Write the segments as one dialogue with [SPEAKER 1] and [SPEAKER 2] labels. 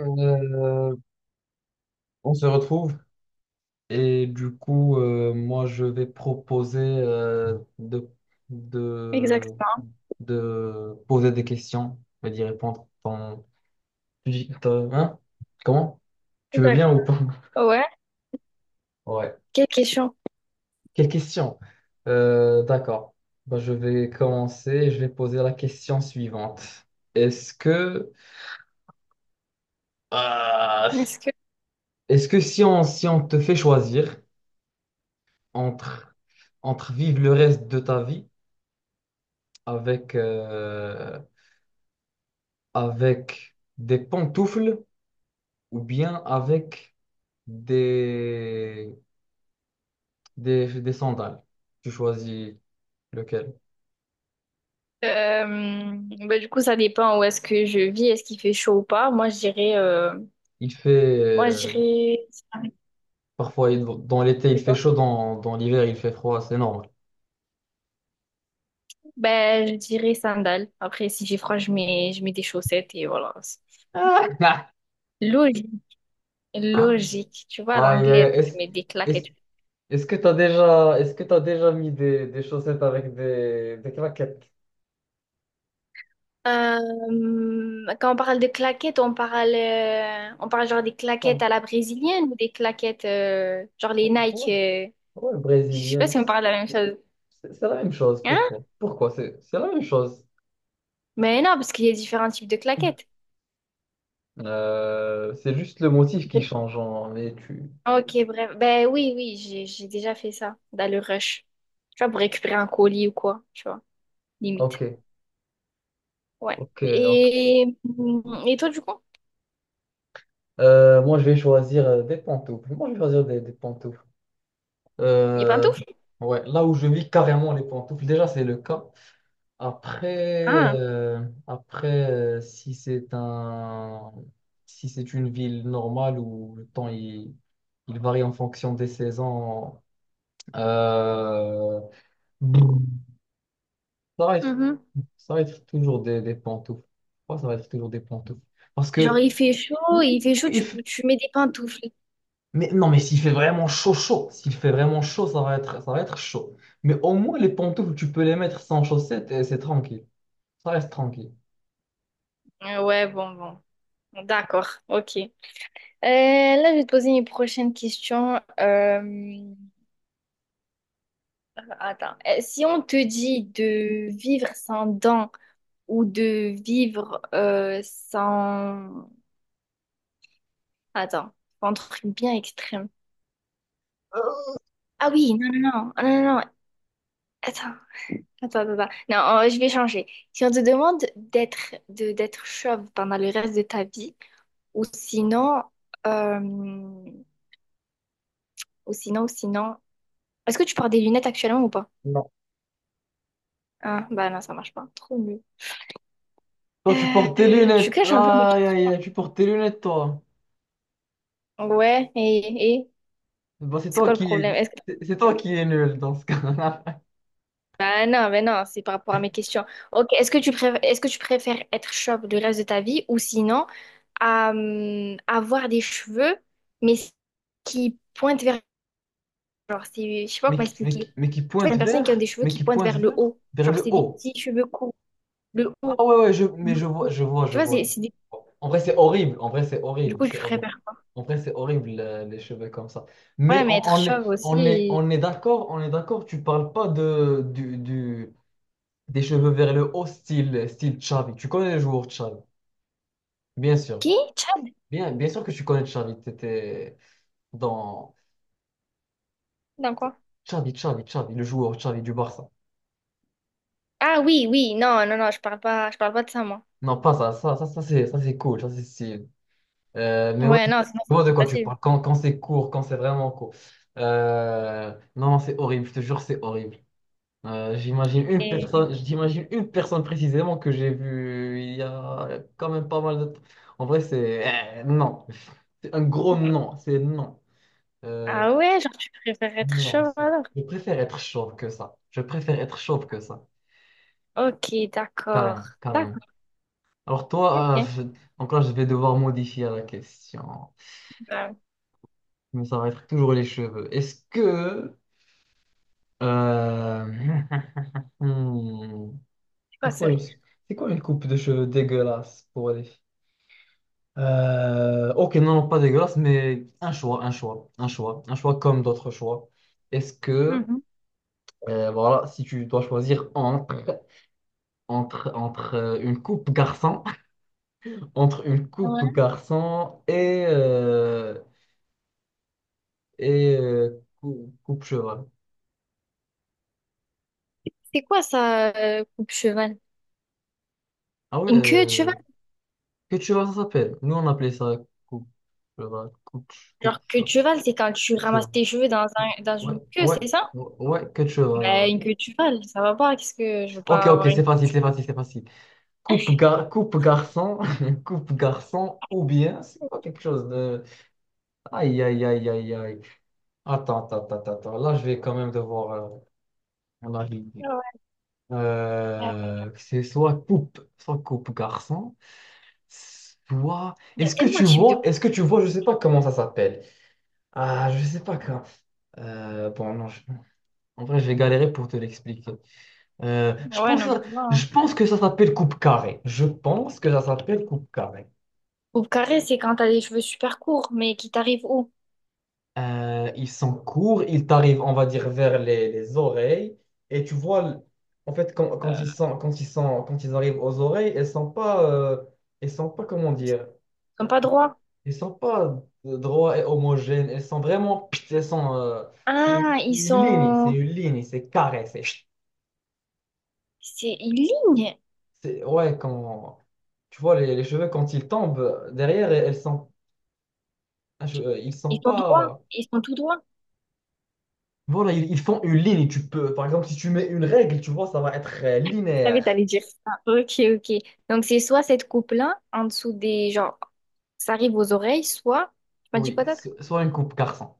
[SPEAKER 1] Euh, on se retrouve et du coup, moi, je vais proposer de,
[SPEAKER 2] Exactement.
[SPEAKER 1] de poser des questions et d'y répondre. Ton, hein? Comment? Tu veux
[SPEAKER 2] D'accord.
[SPEAKER 1] bien ou pas?
[SPEAKER 2] Ouais.
[SPEAKER 1] Ouais.
[SPEAKER 2] Quelle question.
[SPEAKER 1] Quelle question? Euh, d'accord. Bah, je vais commencer. Je vais poser la question suivante. Est-ce que, Ah.
[SPEAKER 2] Est-ce que
[SPEAKER 1] est-ce que si on te fait choisir entre, entre vivre le reste de ta vie avec, avec des pantoufles ou bien avec des, des sandales. Tu choisis lequel.
[SPEAKER 2] euh, bah, du coup ça dépend où est-ce que je vis, est-ce qu'il fait chaud ou pas?
[SPEAKER 1] Il fait,
[SPEAKER 2] Moi je dirais
[SPEAKER 1] dans l'été, il
[SPEAKER 2] c'est
[SPEAKER 1] fait
[SPEAKER 2] quoi?
[SPEAKER 1] chaud, dans l'hiver, il fait froid, c'est normal.
[SPEAKER 2] Ben je dirais sandales. Après si j'ai froid je mets des chaussettes et voilà. Logique. Logique. Tu vois à
[SPEAKER 1] Aïe, aïe, aïe.
[SPEAKER 2] l'anglais je mets des
[SPEAKER 1] Est-ce,
[SPEAKER 2] claquettes.
[SPEAKER 1] est-ce que est-ce que tu déjà mis des chaussettes avec des claquettes?
[SPEAKER 2] Euh, Quand on parle de claquettes, on parle genre des claquettes
[SPEAKER 1] Non.
[SPEAKER 2] à la brésilienne ou des claquettes genre les Nike.
[SPEAKER 1] Ouais, ouais,
[SPEAKER 2] Je sais pas
[SPEAKER 1] brésilienne.
[SPEAKER 2] si on parle de la même chose.
[SPEAKER 1] C'est la même chose.
[SPEAKER 2] Hein?
[SPEAKER 1] Pourquoi? Pourquoi? C'est la même chose.
[SPEAKER 2] Mais non, parce qu'il y a différents types de claquettes.
[SPEAKER 1] C'est juste le motif qui change, en- mais tu...
[SPEAKER 2] Ok, bref. Ben oui, oui, j'ai déjà fait ça dans le rush. Tu vois, pour récupérer un colis ou quoi, tu vois,
[SPEAKER 1] Ok,
[SPEAKER 2] limite. Ouais.
[SPEAKER 1] ok, ok.
[SPEAKER 2] Et toi, du coup,
[SPEAKER 1] Moi, je vais choisir des pantoufles. Moi, je vais choisir des pantoufles.
[SPEAKER 2] les
[SPEAKER 1] Euh,
[SPEAKER 2] pantoufles?
[SPEAKER 1] ouais, là où je vis carrément les pantoufles, déjà, c'est le cas. Après,
[SPEAKER 2] Ah.
[SPEAKER 1] après si c'est un... si c'est une ville normale où il varie en fonction des saisons, euh, Ça va être,
[SPEAKER 2] Mhm.
[SPEAKER 1] ça va être toujours des pantoufles. Pourquoi ça va être toujours des pantoufles? Parce
[SPEAKER 2] Genre,
[SPEAKER 1] que,
[SPEAKER 2] il
[SPEAKER 1] oui,
[SPEAKER 2] fait chaud,
[SPEAKER 1] oui, il
[SPEAKER 2] tu,
[SPEAKER 1] fait-
[SPEAKER 2] tu mets des pantoufles.
[SPEAKER 1] mais non, mais s'il fait vraiment chaud, chaud, s'il fait vraiment chaud, ça va être chaud. Mais au moins, les pantoufles, tu peux les mettre sans chaussettes et c'est tranquille. Ça reste tranquille.
[SPEAKER 2] Ouais, bon, bon. D'accord, ok. Euh, Là, je vais te poser une prochaine question. Attends. Si on te dit de vivre sans dents, ou de vivre sans... Attends, un truc bien extrême. Ah oui, non, non, non, ah, non, non, non, attends, attends, attends, attends. Non, je vais changer. Si on te demande d'être de, d'être chauve pendant le reste de ta vie, ou sinon, euh, ou sinon, ou sinon... Est-ce que tu portes des lunettes actuellement ou pas?
[SPEAKER 1] Non.
[SPEAKER 2] Ah, bah non, ça marche pas. Trop nul.
[SPEAKER 1] Toi, tu portes tes
[SPEAKER 2] Tu
[SPEAKER 1] lunettes.
[SPEAKER 2] caches un peu mes
[SPEAKER 1] Aïe,
[SPEAKER 2] questions.
[SPEAKER 1] aïe, aïe, tu portes tes lunettes, toi.
[SPEAKER 2] Ouais, et
[SPEAKER 1] Bah, c'est
[SPEAKER 2] c'est
[SPEAKER 1] toi
[SPEAKER 2] quoi le
[SPEAKER 1] qui
[SPEAKER 2] problème?
[SPEAKER 1] est,
[SPEAKER 2] Est-ce que...
[SPEAKER 1] c'est toi qui est nul dans ce cas-là.
[SPEAKER 2] Bah non, mais non, c'est par rapport à mes questions. Ok, est-ce que tu préfères, est-ce que tu préfères être chauve le reste de ta vie ou sinon avoir des cheveux mais qui pointent vers genre c'est, je sais pas
[SPEAKER 1] Mais,
[SPEAKER 2] comment expliquer.
[SPEAKER 1] mais qui
[SPEAKER 2] Je vois
[SPEAKER 1] pointe
[SPEAKER 2] des personnes qui ont
[SPEAKER 1] vers,
[SPEAKER 2] des cheveux
[SPEAKER 1] mais
[SPEAKER 2] qui
[SPEAKER 1] qui
[SPEAKER 2] pointent
[SPEAKER 1] pointe
[SPEAKER 2] vers le
[SPEAKER 1] vers,
[SPEAKER 2] haut,
[SPEAKER 1] vers
[SPEAKER 2] genre
[SPEAKER 1] le
[SPEAKER 2] c'est des
[SPEAKER 1] haut.
[SPEAKER 2] petits cheveux courts, le
[SPEAKER 1] Ah
[SPEAKER 2] haut,
[SPEAKER 1] ouais, ouais, je, mais
[SPEAKER 2] le
[SPEAKER 1] je vois,
[SPEAKER 2] haut.
[SPEAKER 1] je vois,
[SPEAKER 2] Tu
[SPEAKER 1] je
[SPEAKER 2] vois,
[SPEAKER 1] vois.
[SPEAKER 2] c'est
[SPEAKER 1] Je vois.
[SPEAKER 2] c'est des...
[SPEAKER 1] En vrai, c'est horrible. En vrai, c'est
[SPEAKER 2] du
[SPEAKER 1] horrible.
[SPEAKER 2] coup
[SPEAKER 1] C'est
[SPEAKER 2] je
[SPEAKER 1] horrible.
[SPEAKER 2] préfère quoi?
[SPEAKER 1] En vrai, c'est horrible, les cheveux comme ça.
[SPEAKER 2] Ouais, mais être chauve aussi. Et-
[SPEAKER 1] On est d'accord, on est d'accord. Tu parles pas des cheveux vers le haut, style, style Xavi. Tu connais le joueur Xavi, bien sûr.
[SPEAKER 2] Qui? Chad?
[SPEAKER 1] Bien, bien sûr que tu connais Xavi. T'étais dans
[SPEAKER 2] Dans quoi?
[SPEAKER 1] Xavi, le joueur Xavi du Barça.
[SPEAKER 2] Ah oui, oui, non, non, non, je parle pas de ça moi.
[SPEAKER 1] Non, pas ça. Ça, ça, c'est cool. Ça, c'est stylé. Mais ouais,
[SPEAKER 2] Ouais,
[SPEAKER 1] je
[SPEAKER 2] non, sinon c'est
[SPEAKER 1] vois de
[SPEAKER 2] trop
[SPEAKER 1] quoi tu
[SPEAKER 2] facile.
[SPEAKER 1] parles. Quand, quand c'est court, quand c'est vraiment court. Non, c'est horrible, je te jure, c'est horrible.
[SPEAKER 2] Et-
[SPEAKER 1] J'imagine une personne précisément que j'ai vue il y a quand même pas mal de temps. En vrai, c'est non. C'est un gros non, c'est non. Euh,
[SPEAKER 2] Ah ouais, genre tu préfères être
[SPEAKER 1] non, c'est-
[SPEAKER 2] cheval.
[SPEAKER 1] je préfère être chauve que ça. Je préfère être chauve que ça.
[SPEAKER 2] Ok, d'accord.
[SPEAKER 1] Carrément, carrément.
[SPEAKER 2] D'accord,
[SPEAKER 1] Alors toi,
[SPEAKER 2] ok.
[SPEAKER 1] donc là, je vais devoir modifier la question.
[SPEAKER 2] Bah,
[SPEAKER 1] Mais ça va être toujours les cheveux. Est-ce que Euh, hmm.
[SPEAKER 2] c'est pas sérieux.
[SPEAKER 1] C'est quoi une coupe de cheveux dégueulasse pour les ok, non, non, pas dégueulasse, mais un choix, un choix, un choix, un choix comme d'autres choix. Est-ce que,
[SPEAKER 2] Mhm.
[SPEAKER 1] voilà, si tu dois choisir entre, entre, entre une coupe garçon, entre une coupe
[SPEAKER 2] Ouais.
[SPEAKER 1] garçon et, coupe cheval.
[SPEAKER 2] C'est quoi ça, coupe cheval?
[SPEAKER 1] Ah ouais,
[SPEAKER 2] Une queue de cheval?
[SPEAKER 1] que cheval ça s'appelle? Nous on appelait ça coupe cheval, coupe
[SPEAKER 2] Genre queue de cheval, c'est quand tu ramasses
[SPEAKER 1] cheval.
[SPEAKER 2] tes cheveux dans un, dans
[SPEAKER 1] Ouais,
[SPEAKER 2] une queue,
[SPEAKER 1] ouais,
[SPEAKER 2] c'est ça?
[SPEAKER 1] ouais, ouais, quelque chose.
[SPEAKER 2] Bah
[SPEAKER 1] Voilà.
[SPEAKER 2] une queue de cheval, ça va pas, qu'est-ce que je veux
[SPEAKER 1] Ok,
[SPEAKER 2] pas
[SPEAKER 1] ok,
[SPEAKER 2] avoir une
[SPEAKER 1] c'est
[SPEAKER 2] queue.
[SPEAKER 1] facile, c'est facile, c'est facile. Coupe garçon, coupe garçon, ou bien c'est pas quelque chose de. Aïe, aïe, aïe, aïe, aïe. Attends, attends, attends, attends. Attends. Là, je vais quand même devoir en arriver.
[SPEAKER 2] Ouais, ouais, ouais.
[SPEAKER 1] C'est soit coupe garçon, soit.
[SPEAKER 2] Il y a
[SPEAKER 1] Est-ce que
[SPEAKER 2] tellement
[SPEAKER 1] tu
[SPEAKER 2] de types de
[SPEAKER 1] vois,
[SPEAKER 2] coupes.
[SPEAKER 1] est-ce que tu vois, je sais pas comment ça s'appelle. Ah, je sais pas quand. Bon, non, je- en vrai, je vais galérer pour te l'expliquer. Euh, je
[SPEAKER 2] Ouais,
[SPEAKER 1] pense,
[SPEAKER 2] non mais tu vois.
[SPEAKER 1] je
[SPEAKER 2] Hein.
[SPEAKER 1] pense que ça s'appelle coupe carrée. Je pense que ça s'appelle coupe carrée.
[SPEAKER 2] Coupe carrée, c'est quand t'as des cheveux super courts, mais qui t'arrivent où?
[SPEAKER 1] Ils sont courts, ils t'arrivent, on va dire, vers les oreilles. Et tu vois, l- en fait, quand ils arrivent aux oreilles, elles sont pas, comment dire,
[SPEAKER 2] Ils sont pas droits.
[SPEAKER 1] elles sont pas droits et homogènes. Elles sont vraiment, pit, elles sont, c'est
[SPEAKER 2] Ah, ils
[SPEAKER 1] une ligne, c'est
[SPEAKER 2] sont...
[SPEAKER 1] une ligne, c'est carré,
[SPEAKER 2] C'est une ligne.
[SPEAKER 1] c'est- ouais, quand, tu vois, les cheveux quand ils tombent derrière, elles sont ils sont
[SPEAKER 2] Ils sont droits.
[SPEAKER 1] pas.
[SPEAKER 2] Ils sont tout droits.
[SPEAKER 1] Voilà, ils font une ligne. Tu peux, par exemple, si tu mets une règle, tu vois, ça va être
[SPEAKER 2] Savais, que
[SPEAKER 1] linéaire.
[SPEAKER 2] t'allais dire ça. Ok, ok. Donc, c'est soit cette coupe-là, en dessous des... Genre, ça arrive aux oreilles, soit... Tu m'as dit
[SPEAKER 1] Oui,
[SPEAKER 2] quoi d'autre?
[SPEAKER 1] so- soit une coupe garçon.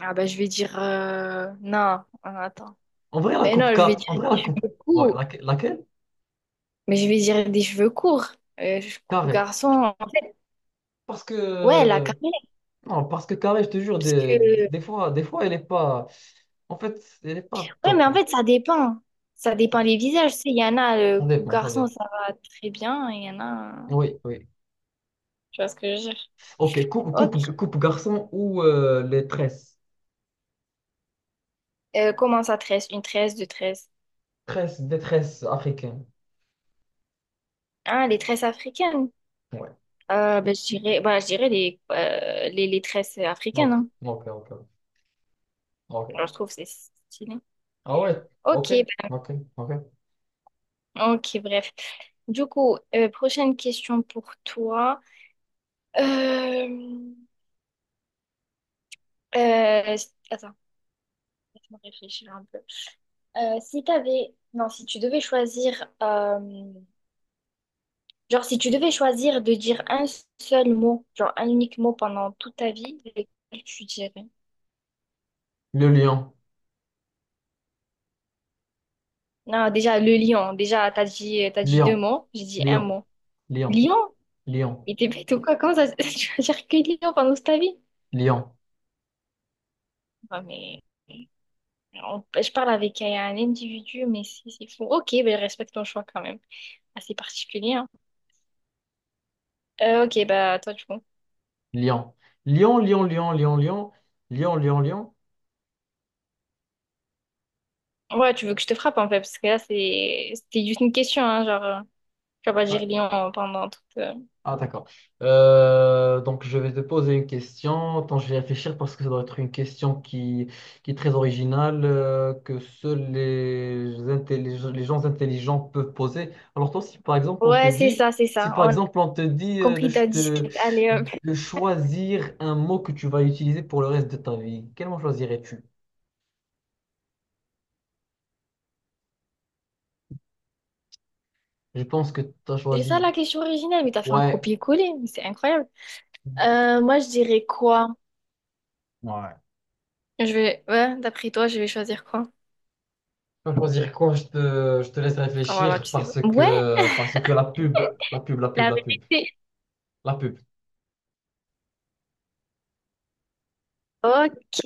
[SPEAKER 2] Ah bah, je vais dire... Non, Ah, attends.
[SPEAKER 1] En vrai, la
[SPEAKER 2] Mais
[SPEAKER 1] coupe
[SPEAKER 2] non, je vais
[SPEAKER 1] car,
[SPEAKER 2] dire
[SPEAKER 1] en vrai,
[SPEAKER 2] des
[SPEAKER 1] la coupe.
[SPEAKER 2] cheveux
[SPEAKER 1] Ouais,
[SPEAKER 2] courts.
[SPEAKER 1] laque- laquelle?
[SPEAKER 2] Mais je vais dire des cheveux courts. Je coupe
[SPEAKER 1] Carré.
[SPEAKER 2] garçon.
[SPEAKER 1] Parce
[SPEAKER 2] Ouais, la
[SPEAKER 1] que
[SPEAKER 2] carrée.
[SPEAKER 1] non, parce que carré, je te jure,
[SPEAKER 2] Parce que...
[SPEAKER 1] des fois, elle est pas. En fait, elle est pas
[SPEAKER 2] Ouais, mais
[SPEAKER 1] top.
[SPEAKER 2] en fait, ça dépend. Ça dépend
[SPEAKER 1] Ça,
[SPEAKER 2] les visages. Tu sais, il y en a, le
[SPEAKER 1] ça
[SPEAKER 2] coupe
[SPEAKER 1] dépend, ça
[SPEAKER 2] garçon,
[SPEAKER 1] dépend.
[SPEAKER 2] ça va très bien. Il y en a...
[SPEAKER 1] Oui, oui.
[SPEAKER 2] Tu vois ce que je veux dire?
[SPEAKER 1] Ok,
[SPEAKER 2] Ok.
[SPEAKER 1] coupe garçon ou les tresses.
[SPEAKER 2] Comment ça tresse? Une tresse, deux tresses.
[SPEAKER 1] Tresses, des tresses africaines.
[SPEAKER 2] Ah, les tresses africaines.
[SPEAKER 1] Ouais.
[SPEAKER 2] Ben, je dirais, ben, je dirais les tresses africaines.
[SPEAKER 1] Ok,
[SPEAKER 2] Hein.
[SPEAKER 1] ok, ok. ok.
[SPEAKER 2] Alors, je trouve que c'est stylé.
[SPEAKER 1] Ah ouais, ok,
[SPEAKER 2] Ok,
[SPEAKER 1] ok, ok.
[SPEAKER 2] ben, ok, bref. Du coup, prochaine question pour toi. Euh, euh, attends, laisse-moi réfléchir un peu. Si t'avais, non, si tu devais choisir, genre si tu devais choisir de dire un seul mot, genre un unique mot pendant toute ta vie, lequel tu dirais?
[SPEAKER 1] Le lion,
[SPEAKER 2] Non, déjà le lion. Déjà, t'as dit deux
[SPEAKER 1] lion,
[SPEAKER 2] mots. J'ai dit un
[SPEAKER 1] lion,
[SPEAKER 2] mot.
[SPEAKER 1] lion,
[SPEAKER 2] Lion?
[SPEAKER 1] lion,
[SPEAKER 2] Mais t'es bête ou quoi? Comment ça, tu vas dire que Lyon pendant toute ta vie?
[SPEAKER 1] lion,
[SPEAKER 2] Non, mais on- ben, je parle avec un individu, mais si c'est fou. Ok, ben respecte ton choix quand même. Assez particulier, hein. Ok, bah toi du coup.
[SPEAKER 1] lion, lion, lion, lion, lion, lion, lion, lion, lion.
[SPEAKER 2] Ouais, tu veux que je te frappe en fait, parce que là c'est c'était juste une question, hein, genre tu vas pas dire Lyon pendant toute.
[SPEAKER 1] Ah, d'accord. Donc, je vais te poser une question. Attends, je vais réfléchir parce que ça doit être une question qui est très originale, que seuls les, intellig- les gens intelligents peuvent poser. Alors, toi, si par exemple, on te
[SPEAKER 2] Ouais, c'est
[SPEAKER 1] dit,
[SPEAKER 2] ça, c'est
[SPEAKER 1] si
[SPEAKER 2] ça.
[SPEAKER 1] par
[SPEAKER 2] On a
[SPEAKER 1] exemple, on te dit
[SPEAKER 2] compris ta disquette. Allez, hop.
[SPEAKER 1] de choisir un mot que tu vas utiliser pour le reste de ta vie, quel mot choisirais-tu? Je pense que tu as
[SPEAKER 2] C'est
[SPEAKER 1] choisi,
[SPEAKER 2] ça la question originale, mais t'as fait un
[SPEAKER 1] ouais,
[SPEAKER 2] copier-coller, mais c'est incroyable. Moi je dirais quoi?
[SPEAKER 1] Ouais.
[SPEAKER 2] Je vais, ouais, d'après toi, je vais choisir quoi?
[SPEAKER 1] Je vais choisir quoi? Je te laisse
[SPEAKER 2] Ah, voilà,
[SPEAKER 1] réfléchir
[SPEAKER 2] tu sais pas. Ouais,
[SPEAKER 1] parce que la pub, la pub, la pub,
[SPEAKER 2] la
[SPEAKER 1] la pub,
[SPEAKER 2] vérité,
[SPEAKER 1] la pub.
[SPEAKER 2] ok,